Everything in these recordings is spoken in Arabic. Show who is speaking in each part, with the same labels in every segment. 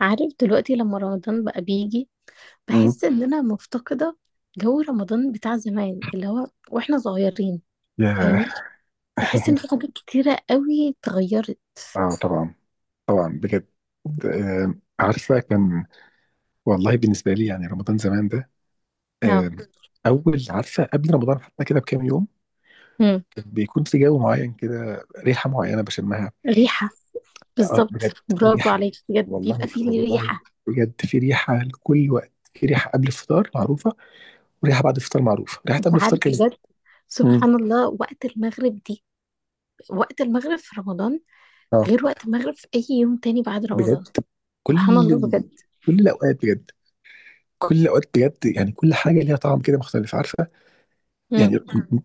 Speaker 1: عارف دلوقتي لما رمضان بقى بيجي،
Speaker 2: مم.
Speaker 1: بحس ان انا مفتقدة جو رمضان بتاع زمان اللي هو واحنا صغيرين.
Speaker 2: ياه.
Speaker 1: فاهمين؟ بحس ان في حاجات كتيرة قوي اتغيرت.
Speaker 2: اه طبعا. طبعا بجد. آه. عارفه، كان. والله، بالنسبه لي يعني رمضان زمان ده.
Speaker 1: اه.
Speaker 2: آه. اول، عارفه، قبل رمضان حتى كده بكام يوم
Speaker 1: امم
Speaker 2: كان بيكون في جو معين كده، ريحه معينه بشمها.
Speaker 1: ريحة،
Speaker 2: آه،
Speaker 1: بالظبط.
Speaker 2: بجد.
Speaker 1: برافو
Speaker 2: ريحه.
Speaker 1: عليك، بجد بيبقى
Speaker 2: والله
Speaker 1: فيه
Speaker 2: والله،
Speaker 1: ريحة.
Speaker 2: بجد في ريحه لكل وقت، في ريحه قبل الفطار معروفه وريحه بعد الفطار معروفه، ريحه
Speaker 1: انت
Speaker 2: قبل الفطار
Speaker 1: عارف؟
Speaker 2: كانت.
Speaker 1: بجد
Speaker 2: مم.
Speaker 1: سبحان الله وقت المغرب دي، وقت المغرب في رمضان
Speaker 2: اه
Speaker 1: غير وقت المغرب في اي يوم تاني بعد رمضان.
Speaker 2: بجد. كل
Speaker 1: سبحان الله بجد.
Speaker 2: كل الاوقات بجد، كل الاوقات بجد، يعني كل حاجه ليها طعم كده مختلف، عارفه؟
Speaker 1: امم.
Speaker 2: يعني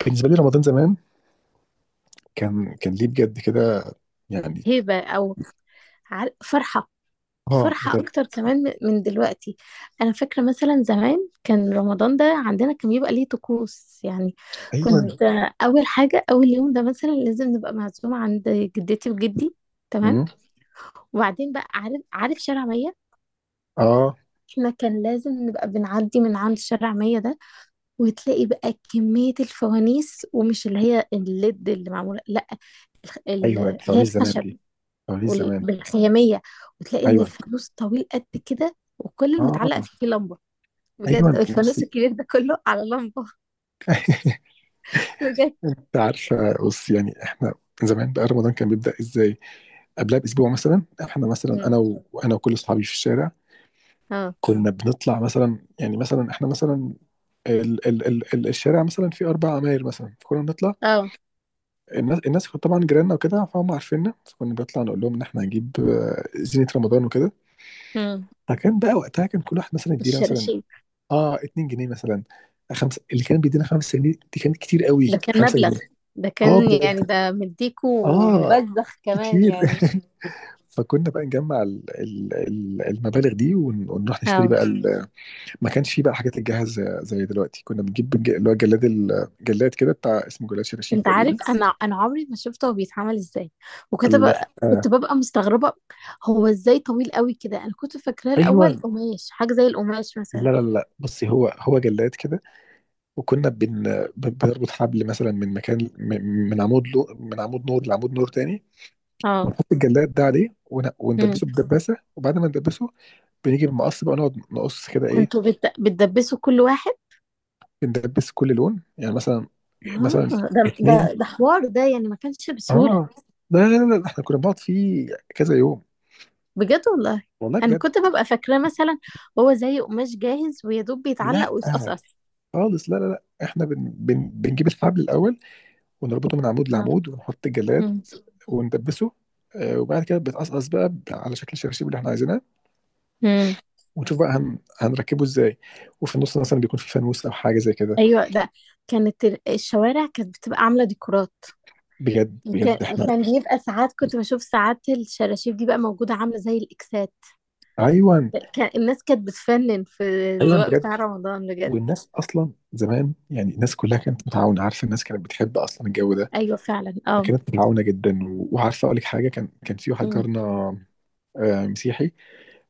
Speaker 2: بالنسبه لي رمضان زمان كان ليه بجد كده، يعني.
Speaker 1: هيبة او عار- فرحة
Speaker 2: اه
Speaker 1: فرحة
Speaker 2: بجد.
Speaker 1: أكتر كمان من دلوقتي. أنا فاكرة مثلا زمان كان رمضان ده عندنا كان بيبقى ليه طقوس يعني.
Speaker 2: ايوه.
Speaker 1: كنت أول حاجة أول يوم ده مثلا لازم نبقى معزومة عند جدتي وجدي، تمام؟
Speaker 2: مم.
Speaker 1: وبعدين بقى عارف شارع مية،
Speaker 2: اه.
Speaker 1: احنا كان لازم نبقى بنعدي من عند شارع مية ده. وتلاقي بقى كمية الفوانيس ومش اللي هي الليد اللي معمولة، لا،
Speaker 2: ايوه،
Speaker 1: اللي هي
Speaker 2: فوانيس زمان
Speaker 1: الخشب
Speaker 2: دي، فوانيس زمان.
Speaker 1: بالخيامية. وتلاقي إن
Speaker 2: ايوه.
Speaker 1: الفانوس طويل قد كده وكل المتعلق
Speaker 2: اه.
Speaker 1: فيه لمبة. بجد
Speaker 2: ايوه
Speaker 1: الفانوس
Speaker 2: بصي.
Speaker 1: الكبير ده كله على لمبة. بجد.
Speaker 2: انت عارفه، بصي يعني احنا زمان بقى رمضان كان بيبدا ازاي؟ قبلها باسبوع مثلا، احنا مثلا،
Speaker 1: مم.
Speaker 2: انا وكل اصحابي في الشارع
Speaker 1: اه.
Speaker 2: كنا بنطلع مثلا، يعني مثلا احنا مثلا الشارع مثلا فيه 4 عماير مثلا، فكنا بنطلع.
Speaker 1: اه.
Speaker 2: الناس كانت طبعا جيراننا وكده، فهم عارفيننا، فكنا بنطلع نقول لهم ان احنا هنجيب زينة رمضان وكده.
Speaker 1: مم.
Speaker 2: فكان بقى وقتها كان كل واحد مثلا يدينا مثلا
Speaker 1: الشراشيب.
Speaker 2: اه 2 جنيه مثلا، 5، اللي كان بيدينا 5 جنيه دي كانت كتير قوي،
Speaker 1: ده كان
Speaker 2: 5
Speaker 1: مبلغ،
Speaker 2: جنيه
Speaker 1: ده
Speaker 2: اه
Speaker 1: كان
Speaker 2: بجد،
Speaker 1: يعني ده مديكو
Speaker 2: اه،
Speaker 1: مبذخ كمان
Speaker 2: كتير.
Speaker 1: يعني.
Speaker 2: فكنا بقى نجمع ال ال ال المبالغ دي ونروح نشتري
Speaker 1: اه.
Speaker 2: بقى ال-. ما كانش فيه بقى حاجات الجاهز زي دلوقتي، كنا بنجيب اللي هو الجلاد كده بتاع، اسمه جلاد شراشيب
Speaker 1: انت عارف؟
Speaker 2: تقريبا.
Speaker 1: انا عمري ما شفته هو بيتعمل ازاي. وكنت
Speaker 2: لا
Speaker 1: بقى
Speaker 2: آه.
Speaker 1: كنت ببقى مستغربة. هو ازاي طويل قوي كده؟ انا كنت فاكراه
Speaker 2: ايوه،
Speaker 1: الاول قماش، حاجة زي القماش مثلا.
Speaker 2: لا بصي، هو جلاد كده. وكنا بنربط حبل مثلا من مكان، من من عمود، لو من عمود نور لعمود نور تاني،
Speaker 1: اه.
Speaker 2: ونحط الجلاد ده عليه
Speaker 1: مم.
Speaker 2: وندبسه بدباسه، وبعد ما ندبسه بنيجي بمقص بقى نقعد نقص كده ايه.
Speaker 1: كنتوا بتدبسوا كل واحد؟
Speaker 2: بندبس كل لون، يعني مثلا، مثلا
Speaker 1: اه. ده ده
Speaker 2: 2.
Speaker 1: ده حوار ده يعني ما كانش بسهولة.
Speaker 2: اه. لا لا لا لا، احنا كنا بنقعد فيه كذا يوم.
Speaker 1: بجد والله.
Speaker 2: والله
Speaker 1: انا
Speaker 2: بجد.
Speaker 1: كنت ببقى فاكراه مثلا هو زي قماش جاهز ويا دوب
Speaker 2: لا
Speaker 1: بيتعلق
Speaker 2: آه،
Speaker 1: ويتقصقص.
Speaker 2: خالص، لا لا لا، احنا بن بن بنجيب الحبل الاول ونربطه من عمود
Speaker 1: اه.
Speaker 2: لعمود ونحط الجلاد
Speaker 1: مم.
Speaker 2: وندبسه. آه، وبعد كده بيتقصقص بقى على شكل الشراشيب اللي احنا عايزينها،
Speaker 1: مم.
Speaker 2: ونشوف بقى هنركبه ازاي. وفي النص مثلا بيكون في فانوس او حاجه زي كده.
Speaker 1: ايوه ده. كانت الشوارع كانت بتبقى عامله ديكورات.
Speaker 2: بجد
Speaker 1: وكان
Speaker 2: بجد احنا.
Speaker 1: وكان بيبقى ساعات كنت بشوف ساعات الشراشيب دي بقى موجوده عامله زي الاكسات.
Speaker 2: ايوه.
Speaker 1: كان الناس كانت بتفنن في
Speaker 2: ايوه
Speaker 1: الزواق
Speaker 2: بجد.
Speaker 1: بتاع رمضان، بجد.
Speaker 2: والناس اصلا زمان، يعني الناس كلها كانت متعاونه، عارفه؟ الناس كانت بتحب اصلا الجو ده،
Speaker 1: ايوه فعلا، اه.
Speaker 2: كانت متعاونه جدا وعارفه اقول لك حاجه، كان في واحد
Speaker 1: مم.
Speaker 2: جارنا آه، مسيحي.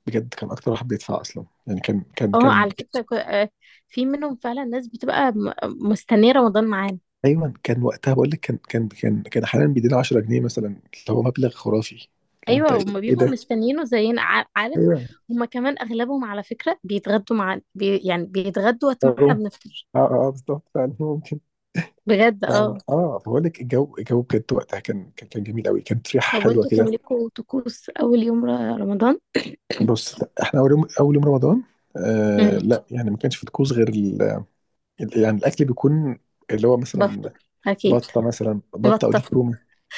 Speaker 2: بجد كان اكتر واحد بيدفع اصلا، يعني
Speaker 1: اه،
Speaker 2: كان.
Speaker 1: على فكره في منهم فعلا ناس بتبقى مستنيه رمضان معانا.
Speaker 2: ايوه كان وقتها، بقول لك، كان احيانا بيدينا 10 جنيه مثلا، اللي هو مبلغ خرافي. لو انت
Speaker 1: ايوه
Speaker 2: ايه.
Speaker 1: هما
Speaker 2: إيه
Speaker 1: بيبقوا
Speaker 2: ده؟
Speaker 1: مستنيينه زينا، عارف؟
Speaker 2: ايوه.
Speaker 1: هما كمان اغلبهم على فكره بيتغدوا مع بي، يعني بيتغدوا وقت ما احنا
Speaker 2: اه
Speaker 1: بنفطر.
Speaker 2: اه. آه، بالظبط فعلا ممكن.
Speaker 1: بجد
Speaker 2: ف-
Speaker 1: اه.
Speaker 2: اه بقول لك، الجو بجد وقتها كان جميل قوي، كانت ريحه
Speaker 1: طب
Speaker 2: حلوه
Speaker 1: وانتوا
Speaker 2: كده.
Speaker 1: كان لكم طقوس اول يوم رمضان؟
Speaker 2: بص احنا اول يوم، اول يوم رمضان، آه
Speaker 1: امم.
Speaker 2: لا، يعني ما كانش في طقوس غير يعني الاكل بيكون اللي هو
Speaker 1: بط
Speaker 2: مثلا
Speaker 1: اكيد
Speaker 2: بطه مثلا، بطه او
Speaker 1: بطه،
Speaker 2: ديك رومي.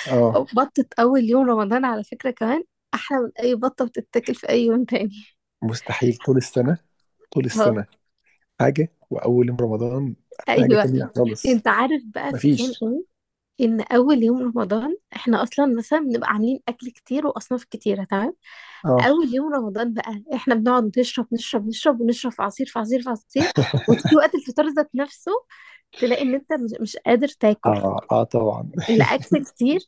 Speaker 2: اه.
Speaker 1: أو بطه اول يوم رمضان على فكره كمان احلى من اي بطه بتتاكل في اي يوم تاني.
Speaker 2: مستحيل، طول السنه، طول
Speaker 1: اه.
Speaker 2: السنه حاجه، واول يوم رمضان حاجه
Speaker 1: ايوه.
Speaker 2: تانية خالص.
Speaker 1: انت عارف بقى في حين
Speaker 2: مفيش.
Speaker 1: ايه؟ ان اول يوم رمضان احنا اصلا مثلا بنبقى عاملين اكل كتير واصناف كتيره، تمام.
Speaker 2: اه.
Speaker 1: اول يوم رمضان بقى احنا بنقعد نشرب نشرب نشرب ونشرب، في عصير في عصير في عصير، وتيجي وقت الفطار ذات نفسه تلاقي ان انت مش قادر تاكل،
Speaker 2: اه، اه طبعا.
Speaker 1: الاكل كتير.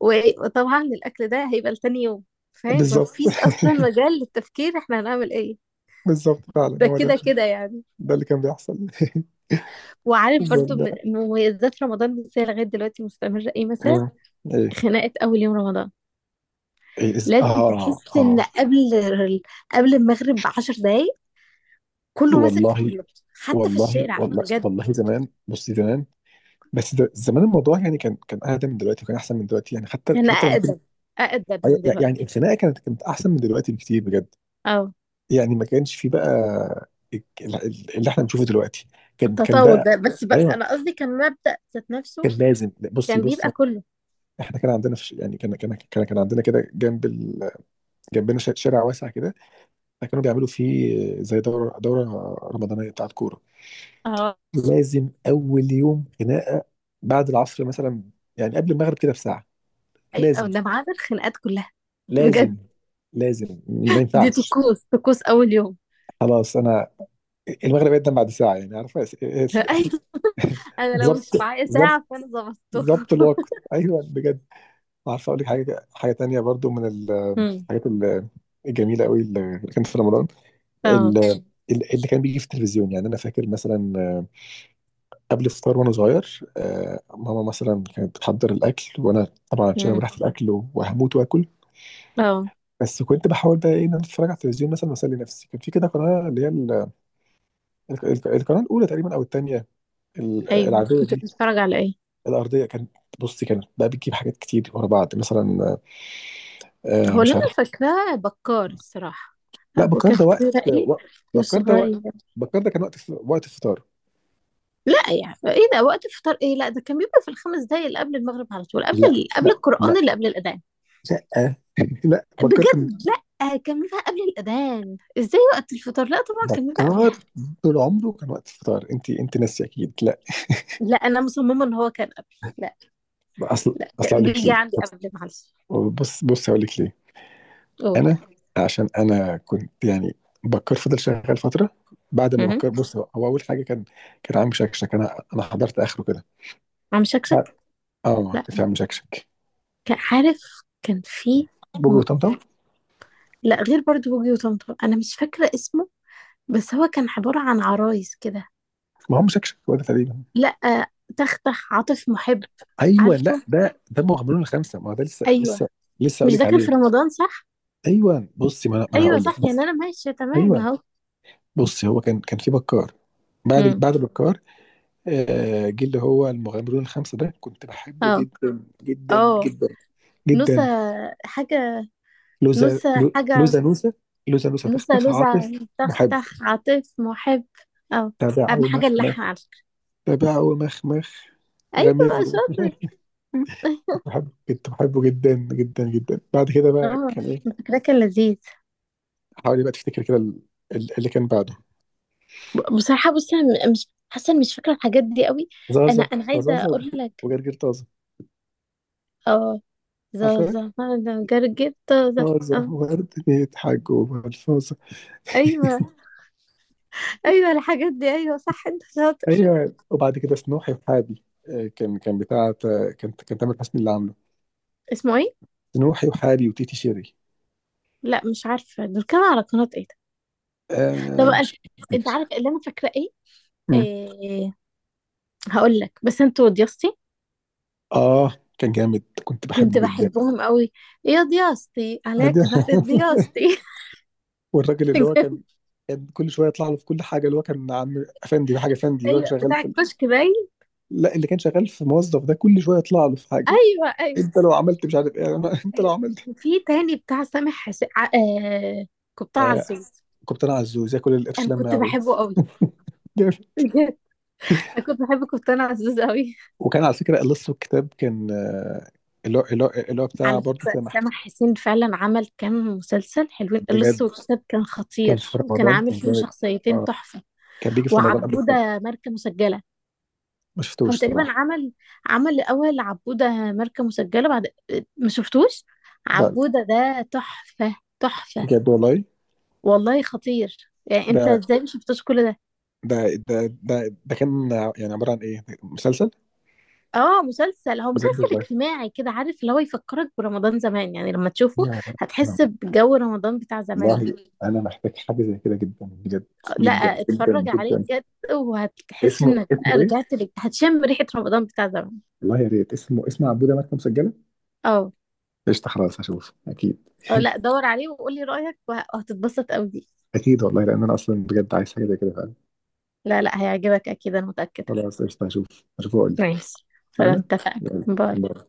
Speaker 1: وطبعا الاكل ده هيبقى لتاني يوم، فاهم؟
Speaker 2: بالظبط.
Speaker 1: مفيش اصلا مجال للتفكير احنا هنعمل ايه.
Speaker 2: بالظبط فعلا،
Speaker 1: ده
Speaker 2: هو ده،
Speaker 1: كده كده يعني.
Speaker 2: ده اللي كان بيحصل.
Speaker 1: وعارف برضو من
Speaker 2: بال-
Speaker 1: من مميزات رمضان ازاي لغايه دلوقتي مستمره ايه مثلا؟
Speaker 2: مم. ايه.
Speaker 1: خناقه اول يوم رمضان.
Speaker 2: إيه،
Speaker 1: لازم
Speaker 2: اه
Speaker 1: تحس ان
Speaker 2: اه.
Speaker 1: قبل المغرب ب 10 دقايق كله ماسك في
Speaker 2: والله
Speaker 1: كله، حتى في
Speaker 2: والله
Speaker 1: الشارع
Speaker 2: والله
Speaker 1: بجد.
Speaker 2: والله. زمان بصي، زمان، بس ده زمان الموضوع يعني كان اهدى من دلوقتي، وكان احسن من دلوقتي. يعني حتى،
Speaker 1: كان
Speaker 2: حتى لما كنت،
Speaker 1: أقدم، أقدم من
Speaker 2: يعني
Speaker 1: دلوقتي.
Speaker 2: الخناقه كانت احسن من دلوقتي بكتير، بجد.
Speaker 1: اه.
Speaker 2: يعني ما كانش في بقى اللي احنا بنشوفه دلوقتي. كان كان
Speaker 1: التطاول
Speaker 2: بقى.
Speaker 1: ده بس بقى،
Speaker 2: ايوه
Speaker 1: أنا قصدي كان مبدأ ذات نفسه
Speaker 2: كان لازم. بصي
Speaker 1: كان
Speaker 2: بص،
Speaker 1: بيبقى كله.
Speaker 2: احنا كان عندنا في، يعني كان عندنا كده جنب جنبنا شارع واسع كده، فكانوا بيعملوا فيه زي دوره رمضانيه بتاعت كوره.
Speaker 1: اه.
Speaker 2: لازم اول يوم خناقه بعد العصر مثلا، يعني قبل المغرب كده بساعه.
Speaker 1: أي
Speaker 2: لازم
Speaker 1: أو ده ما عدا الخناقات كلها،
Speaker 2: لازم
Speaker 1: بجد.
Speaker 2: لازم، ما
Speaker 1: دي
Speaker 2: ينفعش.
Speaker 1: طقوس، طقوس أول يوم.
Speaker 2: خلاص، انا المغرب يقدم بعد ساعه، يعني عارفه.
Speaker 1: أيوة. أنا لو
Speaker 2: ظبط،
Speaker 1: مش معايا ساعة فأنا ظبطته.
Speaker 2: ظبط الوقت، ايوه بجد. عارفه اقول لك حاجه، حاجه تانيه برضو من
Speaker 1: امم.
Speaker 2: الحاجات ال- الجميله قوي اللي كانت في رمضان،
Speaker 1: اه.
Speaker 2: ال- اللي كان بيجي في التلفزيون. يعني انا فاكر مثلا آه، قبل الفطار وانا صغير، آه، ماما مثلا كانت بتحضر الاكل وانا طبعا شامم
Speaker 1: امم.
Speaker 2: ريحه الاكل وهموت واكل،
Speaker 1: اه.
Speaker 2: بس كنت بحاول بقى ايه ان انا اتفرج على التلفزيون مثلا واسلي نفسي. كان في كده قناه اللي هي القناه الاولى تقريبا او الثانيه،
Speaker 1: ايوه.
Speaker 2: العاديه
Speaker 1: كنت
Speaker 2: دي،
Speaker 1: بتتفرج على ايه؟
Speaker 2: الارضيه، كانت بصي كانت بقى بتجيب حاجات كتير ورا بعض مثلا آه،
Speaker 1: هو اللي
Speaker 2: مش عارف.
Speaker 1: أنا فاكراه بكار، الصراحة.
Speaker 2: لا
Speaker 1: أبو
Speaker 2: بكار ده وقت،
Speaker 1: كفي رقيق
Speaker 2: بكار ده
Speaker 1: وصغير.
Speaker 2: وقت. بكار ده كان وقت، وقت الفطار.
Speaker 1: لا، يعني إيه ده وقت الفطار؟ إيه؟ لا ده كان بيبقى في الخمس دقايق اللي قبل المغرب على طول قبل
Speaker 2: لا
Speaker 1: قبل
Speaker 2: لا لا
Speaker 1: القرآن اللي قبل الأذان.
Speaker 2: لا. لا، بكار كان،
Speaker 1: بجد لا كان بيبقى قبل الأذان، ازاي وقت الفطار؟ لا طبعا كان بيبقى
Speaker 2: بكار
Speaker 1: قبلها.
Speaker 2: طول عمره كان وقت الفطار، انت ناسي اكيد. لا.
Speaker 1: لا أنا مصممة إن هو كان قبل، لا،
Speaker 2: اصل
Speaker 1: لا
Speaker 2: اصل اقول
Speaker 1: كان
Speaker 2: لك
Speaker 1: بيجي
Speaker 2: ليه.
Speaker 1: عندي قبل، معلش.
Speaker 2: بص هقول لك ليه.
Speaker 1: قول.
Speaker 2: انا عشان انا كنت يعني بكر فضل شغال فتره. بعد ما
Speaker 1: مهم.
Speaker 2: بكر، بص، هو اول حاجه كان عم شكشك. انا حضرت اخره كده.
Speaker 1: عم
Speaker 2: اه،
Speaker 1: شكشك.
Speaker 2: آه،
Speaker 1: لا.
Speaker 2: كان في عم شكشك.
Speaker 1: كان عارف. كان في
Speaker 2: بوجي
Speaker 1: م-
Speaker 2: وطمطم.
Speaker 1: لا، غير برضو بوجي وطمطم أنا مش فاكرة اسمه، بس هو كان عبارة عن عرايس كده.
Speaker 2: ما هو عم شكشك هو ده تقريبا.
Speaker 1: لا. تختخ عاطف محب.
Speaker 2: ايوه، لا
Speaker 1: عارفه.
Speaker 2: ده مغامرون الخمسه، ما هو ده لسه،
Speaker 1: أيوه.
Speaker 2: لسه
Speaker 1: مش
Speaker 2: اقول لك
Speaker 1: ده كان في
Speaker 2: عليه.
Speaker 1: رمضان، صح؟
Speaker 2: ايوه بصي، ما انا
Speaker 1: أيوه
Speaker 2: هقول لك.
Speaker 1: صح، يعني أنا ماشية تمام
Speaker 2: ايوه
Speaker 1: أهو.
Speaker 2: بص، هو كان كان في بكار،
Speaker 1: مم.
Speaker 2: بعد بكار آه، جه اللي هو المغامرون الخمسة ده، كنت بحبه
Speaker 1: اه.
Speaker 2: جدا جدا
Speaker 1: اه.
Speaker 2: جدا
Speaker 1: نوسة
Speaker 2: جدا.
Speaker 1: حاجة،
Speaker 2: لوزا،
Speaker 1: نوسة حاجة.
Speaker 2: لوزانوسا. لوزانوسا،
Speaker 1: نوسة
Speaker 2: تختخ،
Speaker 1: لوزة،
Speaker 2: عاطف، محب،
Speaker 1: تختخ عاطف محب. اه. أهم
Speaker 2: تبعه
Speaker 1: حاجة
Speaker 2: مخمخ،
Speaker 1: اللحن على فكرة.
Speaker 2: تبعه مخمخ
Speaker 1: أيوة
Speaker 2: غامر، مش
Speaker 1: شاطر.
Speaker 2: عارف. كنت بحبه، كنت بحبه جدا جدا جدا. بعد كده بقى
Speaker 1: اه،
Speaker 2: كان ايه،
Speaker 1: فكرة كان لذيذ.
Speaker 2: حاولي بقى تفتكر كده اللي كان بعده.
Speaker 1: بصراحة بصي أنا مش حاسة إني مش فاكرة الحاجات دي قوي. أنا
Speaker 2: زازا،
Speaker 1: أنا عايزة أقول لك.
Speaker 2: وجرجير طازة.
Speaker 1: اه.
Speaker 2: عارفة؟
Speaker 1: زازا، أنا جرجيت زازا.
Speaker 2: طازة،
Speaker 1: اه.
Speaker 2: وورد بيضحك جوه الفازة.
Speaker 1: أيوة أيوة الحاجات دي، أيوة صح أنت شاطر.
Speaker 2: ايوه، وبعد كده سنوحي وحابي، آه، كان بتاعة آه، كان تامر حسني اللي عامله.
Speaker 1: اسمه إيه؟
Speaker 2: سنوحي وحابي وتيتي شيري.
Speaker 1: لا مش عارفة دول كانوا على قناة إيه ده؟ طب
Speaker 2: آه،
Speaker 1: أنا،
Speaker 2: مش
Speaker 1: أنت عارف
Speaker 2: فاكر.
Speaker 1: اللي أنا فاكرة إيه؟
Speaker 2: مم.
Speaker 1: إيه؟ هقول لك بس أنت وضيستي.
Speaker 2: اه، كان جامد، كنت
Speaker 1: كنت
Speaker 2: بحبه جدا.
Speaker 1: بحبهم قوي. يا ضياستي
Speaker 2: آه، ده-.
Speaker 1: عليك بحر ضياستي.
Speaker 2: والراجل اللي هو كان، كان كل شويه يطلع له في كل حاجه، اللي هو كان عم افندي ده، حاجه افندي، اللي هو
Speaker 1: ايوه،
Speaker 2: شغال
Speaker 1: بتاع
Speaker 2: في.
Speaker 1: الكشك باين.
Speaker 2: لا، اللي كان شغال في موظف ده كل شويه يطلع له في حاجه.
Speaker 1: ايوه ايوه
Speaker 2: انت لو عملت مش عارف ايه، انت لو
Speaker 1: ايوه.
Speaker 2: عملت.
Speaker 1: وفي تاني بتاع سامح كابتن
Speaker 2: آه.
Speaker 1: عزوز.
Speaker 2: كنت انا، عزوز ياكل القرش
Speaker 1: انا
Speaker 2: لما
Speaker 1: كنت
Speaker 2: يعوز.
Speaker 1: بحبه قوي، بجد. انا كنت بحب كابتن عزوز قوي.
Speaker 2: وكان على فكرة لسه الكتاب كان آه، اللي هو بتاع
Speaker 1: على
Speaker 2: برضه
Speaker 1: فكره
Speaker 2: سامح.
Speaker 1: سامح حسين فعلا عمل كام مسلسل حلوين. اللص
Speaker 2: بجد
Speaker 1: والكتاب كان
Speaker 2: كان في
Speaker 1: خطير، وكان
Speaker 2: رمضان،
Speaker 1: عامل
Speaker 2: كان
Speaker 1: فيهم
Speaker 2: جامد.
Speaker 1: شخصيتين
Speaker 2: اه،
Speaker 1: تحفه.
Speaker 2: كان بيجي في رمضان قبل كده.
Speaker 1: وعبوده ماركه مسجله.
Speaker 2: ما
Speaker 1: هو
Speaker 2: شفتوش
Speaker 1: تقريبا
Speaker 2: صراحة.
Speaker 1: عمل، عمل الأول عبودة ماركة مسجلة بعد. ما شفتوش.
Speaker 2: لا.
Speaker 1: عبودة ده تحفة، تحفة.
Speaker 2: بجد والله.
Speaker 1: والله خطير، يعني انت
Speaker 2: ده
Speaker 1: ازاي ما شفتوش كل ده؟
Speaker 2: ده ده كان يعني عبارة عن ايه، مسلسل.
Speaker 1: اه مسلسل، هو
Speaker 2: بجد
Speaker 1: مسلسل
Speaker 2: والله.
Speaker 1: اجتماعي كده، عارف اللي هو يفكرك برمضان زمان يعني لما تشوفه.
Speaker 2: يا-. رب،
Speaker 1: هتحس بجو رمضان بتاع زمان ده.
Speaker 2: والله انا محتاج حاجة زي كده جدا، بجد،
Speaker 1: لا.
Speaker 2: جدا جدا
Speaker 1: اتفرج عليه
Speaker 2: جدا.
Speaker 1: بجد، وهتحس
Speaker 2: اسمه،
Speaker 1: انك
Speaker 2: اسمه
Speaker 1: بقى
Speaker 2: ايه؟
Speaker 1: رجعت لك، هتشم ريحة رمضان بتاع زمان.
Speaker 2: والله يا ريت. اسمه، اسمه عبودة ماتت مسجلة.
Speaker 1: اه.
Speaker 2: قشطة، خلاص هشوف اكيد.
Speaker 1: اه. لا دور عليه وقولي رأيك، وهتتبسط قوي دي.
Speaker 2: اكيد والله، لان انا اصلا بجد عايز حاجة زي كده.
Speaker 1: لا لا، هيعجبك اكيد، انا متأكدة.
Speaker 2: خلاص قشطة هشوف واقول لك.
Speaker 1: ماشي. خلاص
Speaker 2: انا.
Speaker 1: اتفقنا،
Speaker 2: يلا،
Speaker 1: باي.
Speaker 2: باي.